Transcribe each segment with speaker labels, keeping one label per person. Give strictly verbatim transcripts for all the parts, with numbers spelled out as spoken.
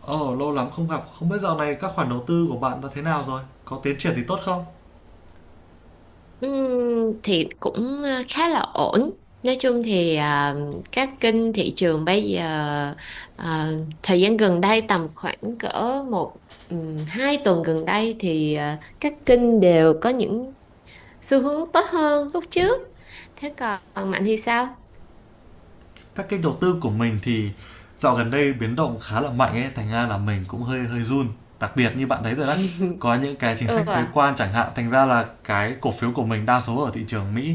Speaker 1: Ồ, lâu lắm không gặp, không biết dạo này các khoản đầu tư của bạn đã thế nào rồi? Có tiến triển thì tốt không?
Speaker 2: Ừm, thì cũng ờ, khá là ổn. Nói chung thì à, các kênh thị trường bây giờ à, thời gian gần đây tầm khoảng cỡ một ừm, hai tuần gần đây thì à, các kênh đều có những xu hướng tốt hơn lúc trước. Thế còn Mạnh thì sao?
Speaker 1: Các kênh đầu tư của mình thì dạo gần đây biến động khá là mạnh ấy, thành ra là mình cũng hơi hơi run. Đặc biệt như bạn thấy rồi đó, có những cái chính
Speaker 2: Ừ,
Speaker 1: sách thuế
Speaker 2: à,
Speaker 1: quan chẳng hạn, thành ra là cái cổ phiếu của mình đa số ở thị trường Mỹ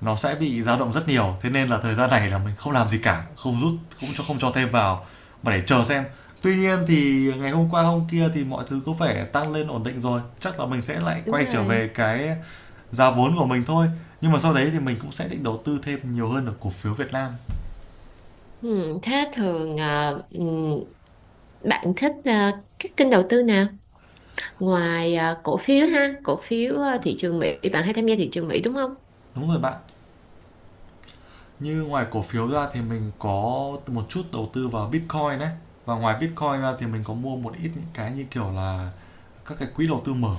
Speaker 1: nó sẽ bị dao động rất nhiều. Thế nên là thời gian này là mình không làm gì cả, không rút, không cho không cho thêm vào mà để chờ xem. Tuy nhiên thì ngày hôm qua hôm kia thì mọi thứ có vẻ tăng lên ổn định rồi, chắc là mình sẽ lại
Speaker 2: đúng
Speaker 1: quay trở
Speaker 2: rồi.
Speaker 1: về cái giá vốn của mình thôi. Nhưng mà sau đấy thì mình cũng sẽ định đầu tư thêm nhiều hơn ở cổ phiếu Việt Nam.
Speaker 2: Ừm, thế thường à, ừm, bạn thích à, các kênh đầu tư nào? Ngoài à, cổ phiếu ha, cổ phiếu à, thị trường Mỹ, bạn hay tham gia thị trường Mỹ đúng không?
Speaker 1: Đúng rồi bạn. Như ngoài cổ phiếu ra thì mình có một chút đầu tư vào Bitcoin đấy. Và ngoài Bitcoin ra thì mình có mua một ít những cái như kiểu là các cái quỹ đầu tư mở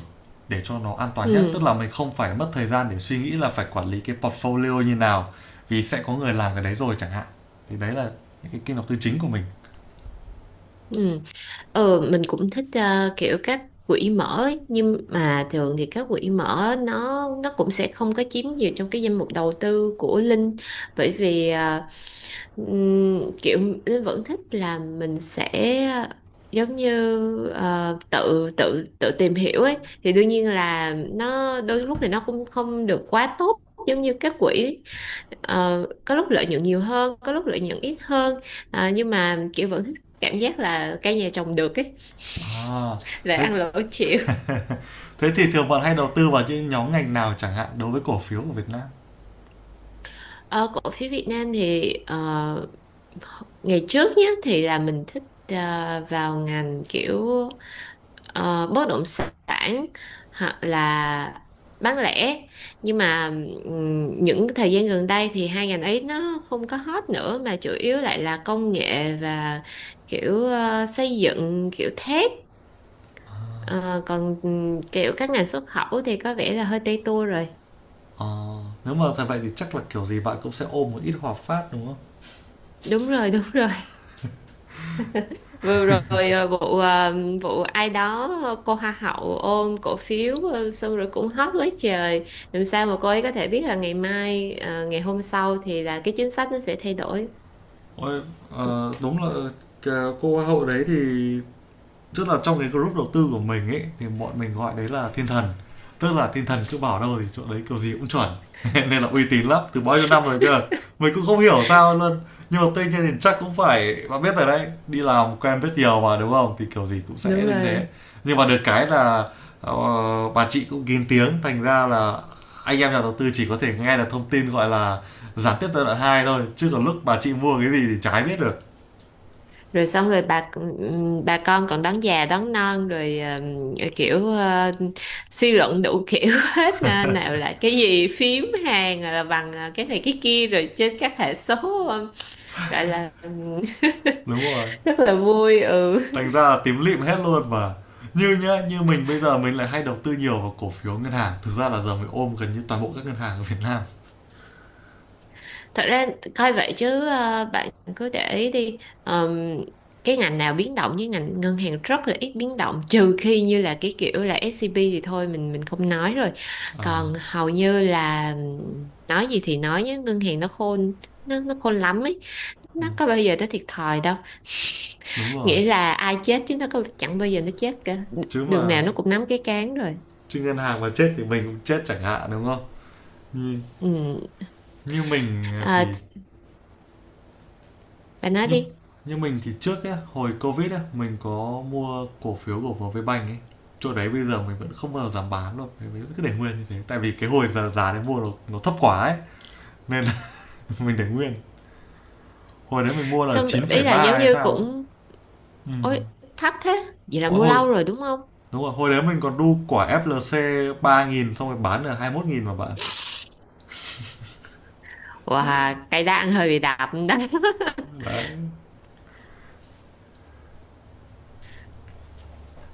Speaker 1: để cho nó an toàn nhất.
Speaker 2: Ừ,
Speaker 1: Tức là mình không phải mất thời gian để suy nghĩ là phải quản lý cái portfolio như nào, vì sẽ có người làm cái đấy rồi chẳng hạn. Thì đấy là những cái kênh đầu tư chính của mình.
Speaker 2: ừ. Ờ, mình cũng thích ờ, kiểu các quỹ mở ấy. Nhưng mà thường thì các quỹ mở nó nó cũng sẽ không có chiếm nhiều trong cái danh mục đầu tư của Linh, bởi vì ờ, Ừm, kiểu Linh vẫn thích là mình sẽ giống như ờ, tự tự tự tìm hiểu ấy, thì đương nhiên là nó đôi lúc thì nó cũng không được quá tốt giống như các quỹ. Ờ, có lúc lợi nhuận nhiều hơn có lúc lợi nhuận ít hơn. Ờ, nhưng mà kiểu vẫn thích cảm giác là cây nhà trồng được ấy
Speaker 1: À,
Speaker 2: lại
Speaker 1: thế
Speaker 2: ăn lỗ chịu.
Speaker 1: thế thì thường bạn hay đầu tư vào những nhóm ngành nào chẳng hạn đối với cổ phiếu của Việt Nam?
Speaker 2: Ờ, cổ phiếu Việt Nam thì ờ, ngày trước nhé thì là mình thích ờ, vào ngành kiểu ờ, bất động sản hoặc là bán lẻ, nhưng mà ừm, những cái thời gian gần đây thì hai ngành ấy nó không có hot nữa mà chủ yếu lại là công nghệ và kiểu ờ, xây dựng kiểu thép. Ờ, còn ừm, kiểu các ngành xuất khẩu thì có vẻ là hơi tây tua rồi.
Speaker 1: Ờ, nếu mà thật vậy thì chắc là kiểu gì bạn cũng sẽ ôm một ít Hòa Phát, đúng không?
Speaker 2: Đúng rồi, đúng rồi, vừa rồi ờ, vụ ờ, vụ ai đó ờ, cô hoa hậu ôm cổ phiếu ờ, xong rồi cũng hot quá trời. Làm sao mà cô ấy có thể biết là ngày mai ờ, ngày hôm sau thì là cái chính sách nó sẽ thay đổi.
Speaker 1: Ôi, ờ, đúng là cái cô hoa hậu đấy thì tức là trong cái group đầu tư của mình ấy thì bọn mình gọi đấy là thiên thần, tức là thiên thần cứ bảo đâu thì chỗ đấy kiểu gì cũng chuẩn nên là uy tín lắm từ bao nhiêu năm rồi cơ. Mình cũng không hiểu sao luôn. Nhưng mà tuy nhiên thì chắc cũng phải bạn biết rồi đấy, đi làm quen biết nhiều mà đúng không thì kiểu gì cũng sẽ
Speaker 2: Đúng
Speaker 1: được như thế.
Speaker 2: rồi.
Speaker 1: Nhưng mà được cái là ờ, bà chị cũng kín tiếng, thành ra là anh em nhà đầu tư chỉ có thể nghe được thông tin gọi là gián tiếp giai đoạn hai thôi, chứ còn lúc bà chị mua cái gì thì chả ai biết được.
Speaker 2: Rồi xong rồi bà ừm, bà con còn đón già đón non rồi ừm, kiểu ờ, suy luận đủ kiểu hết nè, nào là cái gì phím hàng à, là bằng ờ, cái này cái kia rồi trên các hệ số ờ, gọi là ừm,
Speaker 1: Đúng rồi,
Speaker 2: rất là vui, ừ.
Speaker 1: thành ra là tím lịm hết luôn mà. Như nhá, như mình bây giờ mình lại hay đầu tư nhiều vào cổ phiếu ngân hàng, thực ra là giờ mình ôm gần như toàn bộ các ngân hàng ở Việt Nam.
Speaker 2: Thật ra coi vậy chứ ờ, bạn cứ để ý đi. Ờm, cái ngành nào biến động, với ngành ngân hàng rất là ít biến động, trừ khi như là cái kiểu là ét xê bê thì thôi mình mình không nói rồi,
Speaker 1: ờ
Speaker 2: còn hầu như là ừm, nói gì thì nói nhé, ngân hàng nó khôn, nó nó khôn lắm ấy, nó có bao giờ nó thiệt thòi đâu.
Speaker 1: Đúng rồi.
Speaker 2: Nghĩa là ai chết chứ nó có chẳng bao giờ nó chết cả,
Speaker 1: chứ
Speaker 2: đường nào
Speaker 1: mà
Speaker 2: nó cũng nắm cái cán rồi.
Speaker 1: chứ ngân hàng mà chết thì mình cũng chết chẳng hạn đúng không? như,
Speaker 2: Ừ.
Speaker 1: như mình
Speaker 2: à,
Speaker 1: thì
Speaker 2: bà nói
Speaker 1: như
Speaker 2: đi.
Speaker 1: như mình thì trước ấy, hồi covid ấy, mình có mua cổ phiếu của VPBank ấy, chỗ đấy bây giờ mình vẫn không bao giờ dám bán luôn, mình cứ để nguyên như thế tại vì cái hồi giờ giá đấy mua nó, nó thấp quá ấy nên là mình để nguyên. Hồi đấy mình mua là
Speaker 2: Xong
Speaker 1: chín phẩy
Speaker 2: ý là
Speaker 1: ba
Speaker 2: giống
Speaker 1: hay
Speaker 2: như
Speaker 1: sao ấy.
Speaker 2: cũng.
Speaker 1: Ừm.
Speaker 2: Ôi, thấp thế. Vậy là
Speaker 1: Ôi,
Speaker 2: mua
Speaker 1: hồi
Speaker 2: lâu rồi đúng không?
Speaker 1: đúng rồi, hồi đấy mình còn đu quả ép lờ xê ba nghìn xong rồi bán được hai mươi mốt nghìn mà bạn.
Speaker 2: Wow, cây đa hơi bị đạp đó.
Speaker 1: Đấy.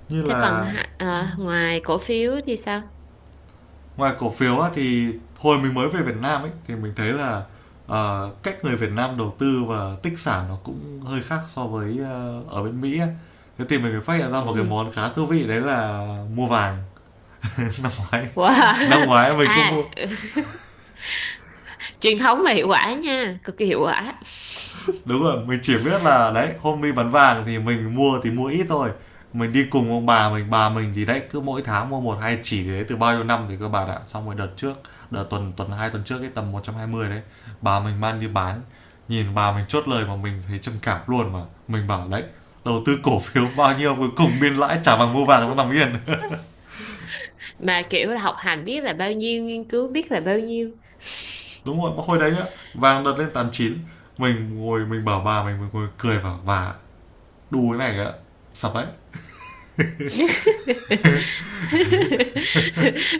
Speaker 1: Như
Speaker 2: Thế còn
Speaker 1: là
Speaker 2: hạ- à, ngoài cổ phiếu thì sao?
Speaker 1: ngoài cổ phiếu á, thì hồi mình mới về Việt Nam ấy thì mình thấy là ờ, cách người Việt Nam đầu tư và tích sản nó cũng hơi khác so với ờ, ở bên Mỹ á. Thế thì mình mới phát hiện ra một cái
Speaker 2: Ừ.
Speaker 1: món khá thú vị đấy là mua vàng. Năm ngoái
Speaker 2: Wow.
Speaker 1: năm ngoái mình cũng
Speaker 2: À,
Speaker 1: mua.
Speaker 2: truyền thống mà hiệu quả nha, cực kỳ hiệu quả.
Speaker 1: Đúng rồi, mình chỉ biết là đấy, hôm đi bán vàng thì mình mua thì mua ít thôi. Mình đi cùng ông bà mình, bà mình thì đấy cứ mỗi tháng mua một hai chỉ thì đấy từ bao nhiêu năm thì các bạn ạ. Xong rồi đợt trước, đợt tuần tuần hai tuần trước cái tầm một trăm hai mươi đấy, bà mình mang đi bán. Nhìn bà mình chốt lời mà mình thấy trầm cảm luôn mà. Mình bảo đấy, đầu tư cổ phiếu bao nhiêu cuối cùng biên lãi trả bằng mua vàng nó nằm yên.
Speaker 2: Mà kiểu là học hành biết là bao nhiêu, nghiên cứu biết là bao nhiêu.
Speaker 1: Đúng rồi, mà hồi đấy nhá, vàng đợt lên tám chín mình ngồi mình bảo bà mình, mình ngồi cười vào bà đu cái này ạ. Sập đấy.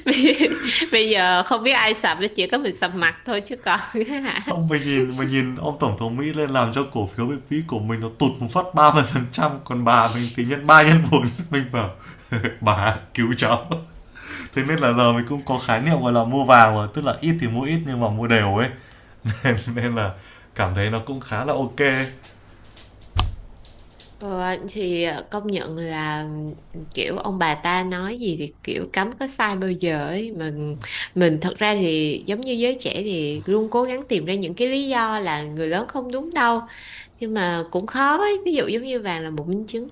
Speaker 2: Bây bây giờ không biết ai sập, chỉ có mình sập mặt thôi chứ còn.
Speaker 1: Xong mình nhìn mình nhìn ông tổng thống Mỹ lên làm cho cổ phiếu Việt Mỹ của mình nó tụt một phát ba mươi phần trăm, còn bà mình thì nhân ba nhân bốn, mình bảo bà cứu cháu. Thế nên là giờ mình cũng có khái niệm gọi là mua vào rồi, tức là ít thì mua ít nhưng mà mua đều ấy nên, nên là cảm thấy nó cũng khá là ok.
Speaker 2: Ờ, thì ờ, công nhận là kiểu ông bà ta nói gì thì kiểu cấm có sai bao giờ ấy. Mình mình thật ra thì giống như giới trẻ thì luôn cố gắng tìm ra những cái lý do là người lớn không đúng đâu, nhưng mà cũng khó ấy, ví dụ giống như vàng là một minh chứng.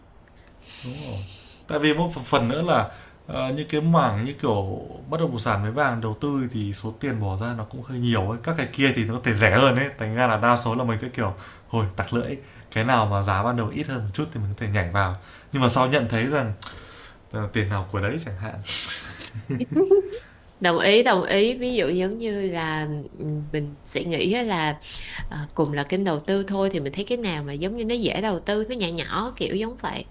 Speaker 1: Đúng rồi. Tại vì một phần nữa là, ờ, những cái mảng như kiểu bất động sản với vàng đầu tư thì số tiền bỏ ra nó cũng hơi nhiều ấy. Các cái kia thì nó có thể rẻ hơn ấy, thành ra là đa số là mình cái kiểu, thôi tặc lưỡi, cái nào mà giá ban đầu ít hơn một chút thì mình có thể nhảy vào. Nhưng mà sau nhận thấy rằng, ờ, tiền nào của đấy chẳng hạn.
Speaker 2: Đồng ý, đồng ý, ví dụ giống như là ừ, mình sẽ nghĩ á là ờ, cùng là kênh đầu tư thôi thì mình thấy cái nào mà giống như nó dễ đầu tư nó nhỏ nhỏ kiểu giống vậy.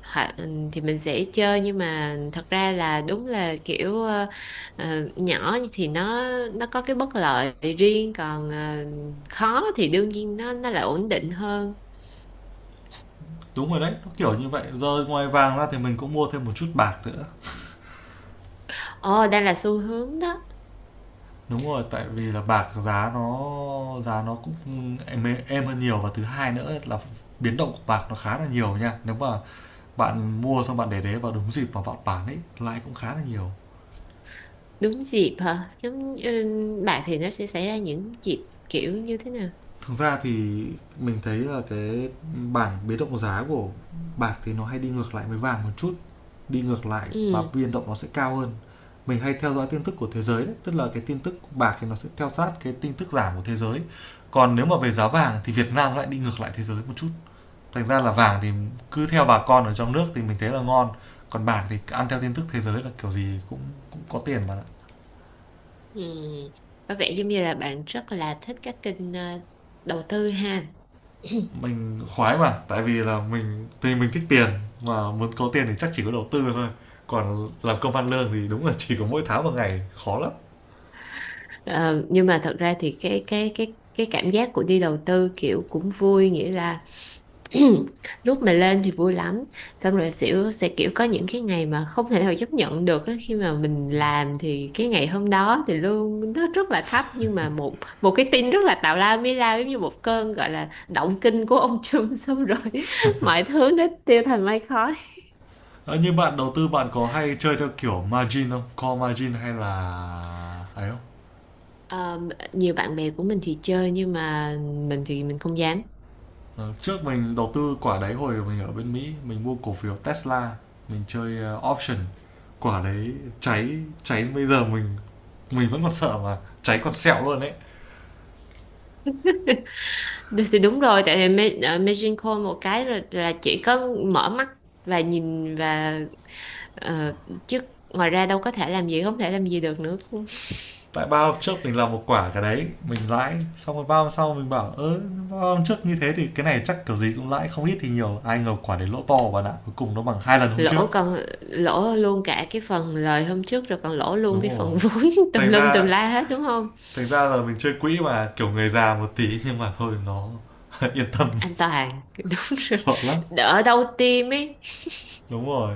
Speaker 2: Hả, ừ, thì mình sẽ chơi, nhưng mà thật ra là đúng là kiểu ờ, ờ, nhỏ thì nó nó có cái bất lợi riêng, còn ờ, khó thì đương nhiên nó nó lại ổn định hơn.
Speaker 1: Đúng rồi đấy, nó kiểu như vậy, giờ ngoài vàng ra thì mình cũng mua thêm một chút bạc nữa.
Speaker 2: Ồ đây là xu hướng đó.
Speaker 1: Đúng rồi, tại vì là bạc giá nó giá nó cũng êm êm hơn nhiều và thứ hai nữa là biến động của bạc nó khá là nhiều nha. Nếu mà bạn mua xong bạn để đấy vào đúng dịp mà bạn bán ấy, lãi cũng khá là nhiều.
Speaker 2: Đúng dịp hả? Giống ừ, bạn thì nó sẽ xảy ra những dịp kiểu như thế nào?
Speaker 1: Thực ra thì mình thấy là cái bảng biến động giá của bạc thì nó hay đi ngược lại với vàng một chút, đi ngược lại và
Speaker 2: Ừ,
Speaker 1: biên động nó sẽ cao hơn. Mình hay theo dõi tin tức của thế giới đấy, tức là cái tin tức của bạc thì nó sẽ theo sát cái tin tức giảm của thế giới, còn nếu mà về giá vàng thì Việt Nam lại đi ngược lại thế giới một chút. Thành ra là vàng thì cứ theo bà con ở trong nước thì mình thấy là ngon, còn bạc thì ăn theo tin tức thế giới là kiểu gì cũng cũng có tiền mà.
Speaker 2: ừ. Có vẻ giống như là bạn rất là thích các kênh ờ, đầu tư ha.
Speaker 1: Mình khoái mà, tại vì là mình thì mình thích tiền, mà muốn có tiền thì chắc chỉ có đầu tư thôi, còn làm công ăn lương thì đúng là chỉ có mỗi tháng một ngày, khó lắm.
Speaker 2: Ờ, nhưng mà thật ra thì cái cái cái cái cảm giác của đi đầu tư kiểu cũng vui, nghĩa là lúc mà lên thì vui lắm, xong rồi xỉu sẽ kiểu có những cái ngày mà không thể nào chấp nhận được á. Khi mà mình làm thì cái ngày hôm đó thì lương nó rất là thấp, nhưng mà một một cái tin rất là tào lao mới lao giống như một cơn gọi là động kinh của ông Trump, xong rồi mọi thứ nó tiêu thành mây khói.
Speaker 1: Ơ, như bạn đầu tư bạn có hay chơi theo kiểu margin không? Call margin hay là ấy không?
Speaker 2: Ờ, nhiều bạn bè của mình thì chơi, nhưng mà mình thì mình không dám.
Speaker 1: Ờ, trước mình đầu tư quả đấy hồi mình ở bên Mỹ, mình mua cổ phiếu Tesla, mình chơi, ơ, option. Quả đấy cháy, cháy bây giờ mình mình vẫn còn sợ mà, cháy còn sẹo luôn đấy.
Speaker 2: Đ- thì đúng rồi, tại vì Ma- ờ, Magic Call một cái là, là chỉ có mở mắt và nhìn và. Ờ, chứ ngoài ra đâu có thể làm gì, không thể làm gì được nữa.
Speaker 1: Tại ba hôm trước mình làm một quả cái đấy mình lãi, xong rồi ba hôm sau mình bảo ớ ba hôm trước như thế thì cái này chắc kiểu gì cũng lãi không ít thì nhiều, ai ngờ quả đấy lỗ to bạn ạ, cuối cùng nó bằng hai lần hôm trước.
Speaker 2: Lỗ, còn lỗ luôn cả cái phần lời hôm trước rồi còn lỗ luôn cái
Speaker 1: Đúng rồi,
Speaker 2: phần vốn tùm
Speaker 1: thành
Speaker 2: lum tùm
Speaker 1: ra
Speaker 2: la hết đúng không,
Speaker 1: thành ra là mình chơi quỹ mà kiểu người già một tí, nhưng mà thôi nó yên tâm.
Speaker 2: anh Toàn. Đúng rồi,
Speaker 1: Sợ lắm.
Speaker 2: đỡ đau tim ấy.
Speaker 1: Đúng rồi,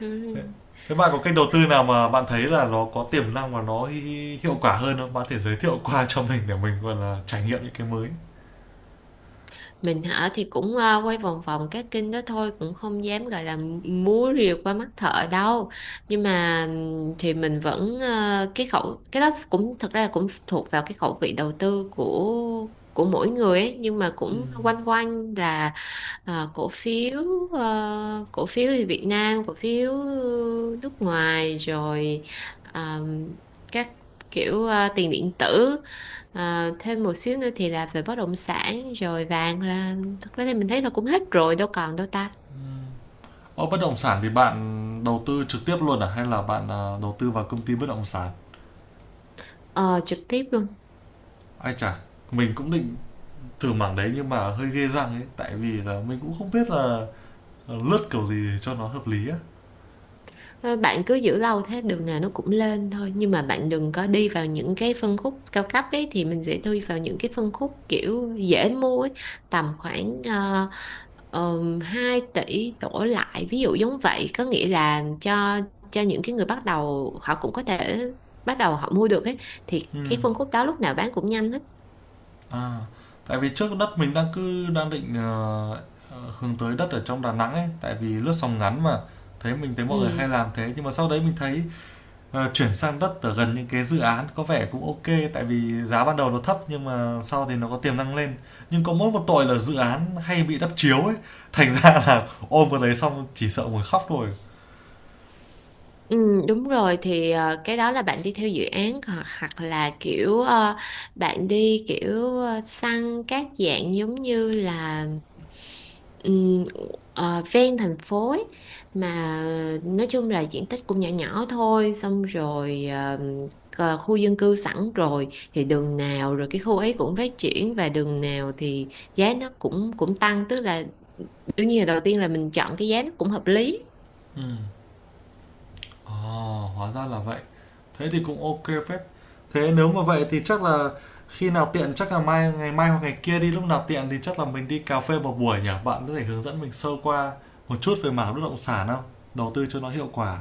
Speaker 2: Ừ.
Speaker 1: thế bạn có kênh đầu tư nào mà bạn thấy là nó có tiềm năng và nó hi- hi- hiệu quả hơn không, bạn có thể giới thiệu qua cho mình để mình gọi là trải nghiệm những cái mới.
Speaker 2: Mình hả thì cũng ờ, quay vòng vòng các kênh đó thôi, cũng không dám gọi là múa rìu qua mắt thợ đâu, nhưng mà ừm, thì mình vẫn ờ, cái khẩu cái đó cũng thật ra là cũng thuộc vào cái khẩu vị đầu tư của của mỗi người ấy, nhưng mà cũng quanh quanh là Ờ, cổ phiếu ờ, cổ phiếu thì Việt Nam, cổ phiếu ờ, nước ngoài rồi, ờm, các kiểu ờ, tiền điện tử. Ờ, thêm một xíu nữa thì là về bất động sản rồi vàng là thật ra thì mình thấy là cũng hết rồi đâu còn đâu ta.
Speaker 1: Ô, bất động sản thì bạn đầu tư trực tiếp luôn à hay là bạn, à, đầu tư vào công ty bất động sản?
Speaker 2: Ờ, trực tiếp luôn.
Speaker 1: Ai chà, mình cũng định thử mảng đấy nhưng mà hơi ghê răng ấy, tại vì là mình cũng không biết là, ờ, lướt kiểu gì cho nó hợp lý á.
Speaker 2: Thôi, bạn cứ giữ lâu thế đường nào nó cũng lên thôi, nhưng mà bạn đừng có đi vào những cái phân khúc cao cấp ấy, thì mình sẽ đi vào những cái phân khúc kiểu dễ mua ấy, tầm khoảng ờ, ờm, hai tỷ đổ lại, ví dụ giống vậy, có nghĩa là cho cho những cái người bắt đầu họ cũng có thể bắt đầu họ mua được ấy, thì cái
Speaker 1: Ừm.
Speaker 2: phân khúc đó lúc nào bán cũng nhanh hết.
Speaker 1: À, tại vì trước đất mình đang cứ đang định, ờ, ờ, hướng tới đất ở trong Đà Nẵng ấy, tại vì lướt sóng ngắn mà, thấy mình thấy mọi người
Speaker 2: Ừ.
Speaker 1: hay làm thế, nhưng mà sau đấy mình thấy, ờ, chuyển sang đất ở gần những cái dự án có vẻ cũng ok, tại vì giá ban đầu nó thấp nhưng mà sau thì nó có tiềm năng lên. Nhưng có mỗi một tội là dự án hay bị đắp chiếu ấy, thành ra là ôm vào đấy xong chỉ sợ ngồi khóc thôi.
Speaker 2: Ừ, đúng rồi thì ờ, cái đó là bạn đi theo dự án hoặc, hoặc là kiểu ờ, bạn đi kiểu ờ, săn các dạng giống như là ừm, ờ, ven thành phố ấy. Mà nói chung là diện tích cũng nhỏ nhỏ thôi, xong rồi ờ, ờ, khu dân cư sẵn rồi thì đường nào rồi cái khu ấy cũng phát triển và đường nào thì giá nó cũng cũng tăng, tức là đương nhiên là đầu tiên là mình chọn cái giá nó cũng hợp lý.
Speaker 1: Ừm. Ờ, hóa ra là vậy. Thế thì cũng ok kê phết. Thế nếu mà vậy thì chắc là khi nào tiện chắc là mai ngày mai hoặc ngày kia đi, lúc nào tiện thì chắc là mình đi cà phê một buổi nhỉ? Bạn có thể hướng dẫn mình sơ qua một chút về mảng bất động sản không? Đầu tư cho nó hiệu quả.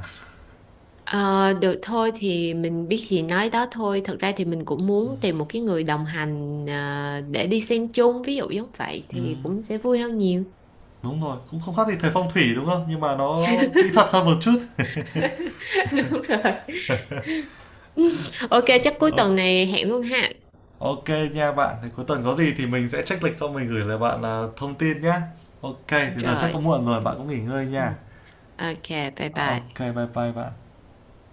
Speaker 2: Ờ, được thôi thì mình biết gì nói đó thôi. Thật ra thì mình cũng muốn tìm một cái người đồng hành ờ, để đi xem chung, ví dụ giống vậy thì
Speaker 1: Ừm,
Speaker 2: cũng sẽ vui hơn nhiều.
Speaker 1: đúng rồi, cũng không khác gì thầy phong thủy đúng không? Nhưng mà nó kỹ thuật hơn một chút.
Speaker 2: Đúng rồi. Ok, chắc cuối
Speaker 1: Ô-
Speaker 2: tuần này hẹn luôn ha.
Speaker 1: Ok nha bạn, thì cuối tuần có gì thì mình sẽ check lịch xong mình gửi lại bạn à, thông tin nhé. Ok, thì giờ chắc
Speaker 2: Rồi.
Speaker 1: có muộn rồi,
Speaker 2: Ừ.
Speaker 1: bạn cũng nghỉ ngơi nha.
Speaker 2: Ừ. Ok, bye
Speaker 1: Ok,
Speaker 2: bye.
Speaker 1: bye bye bạn.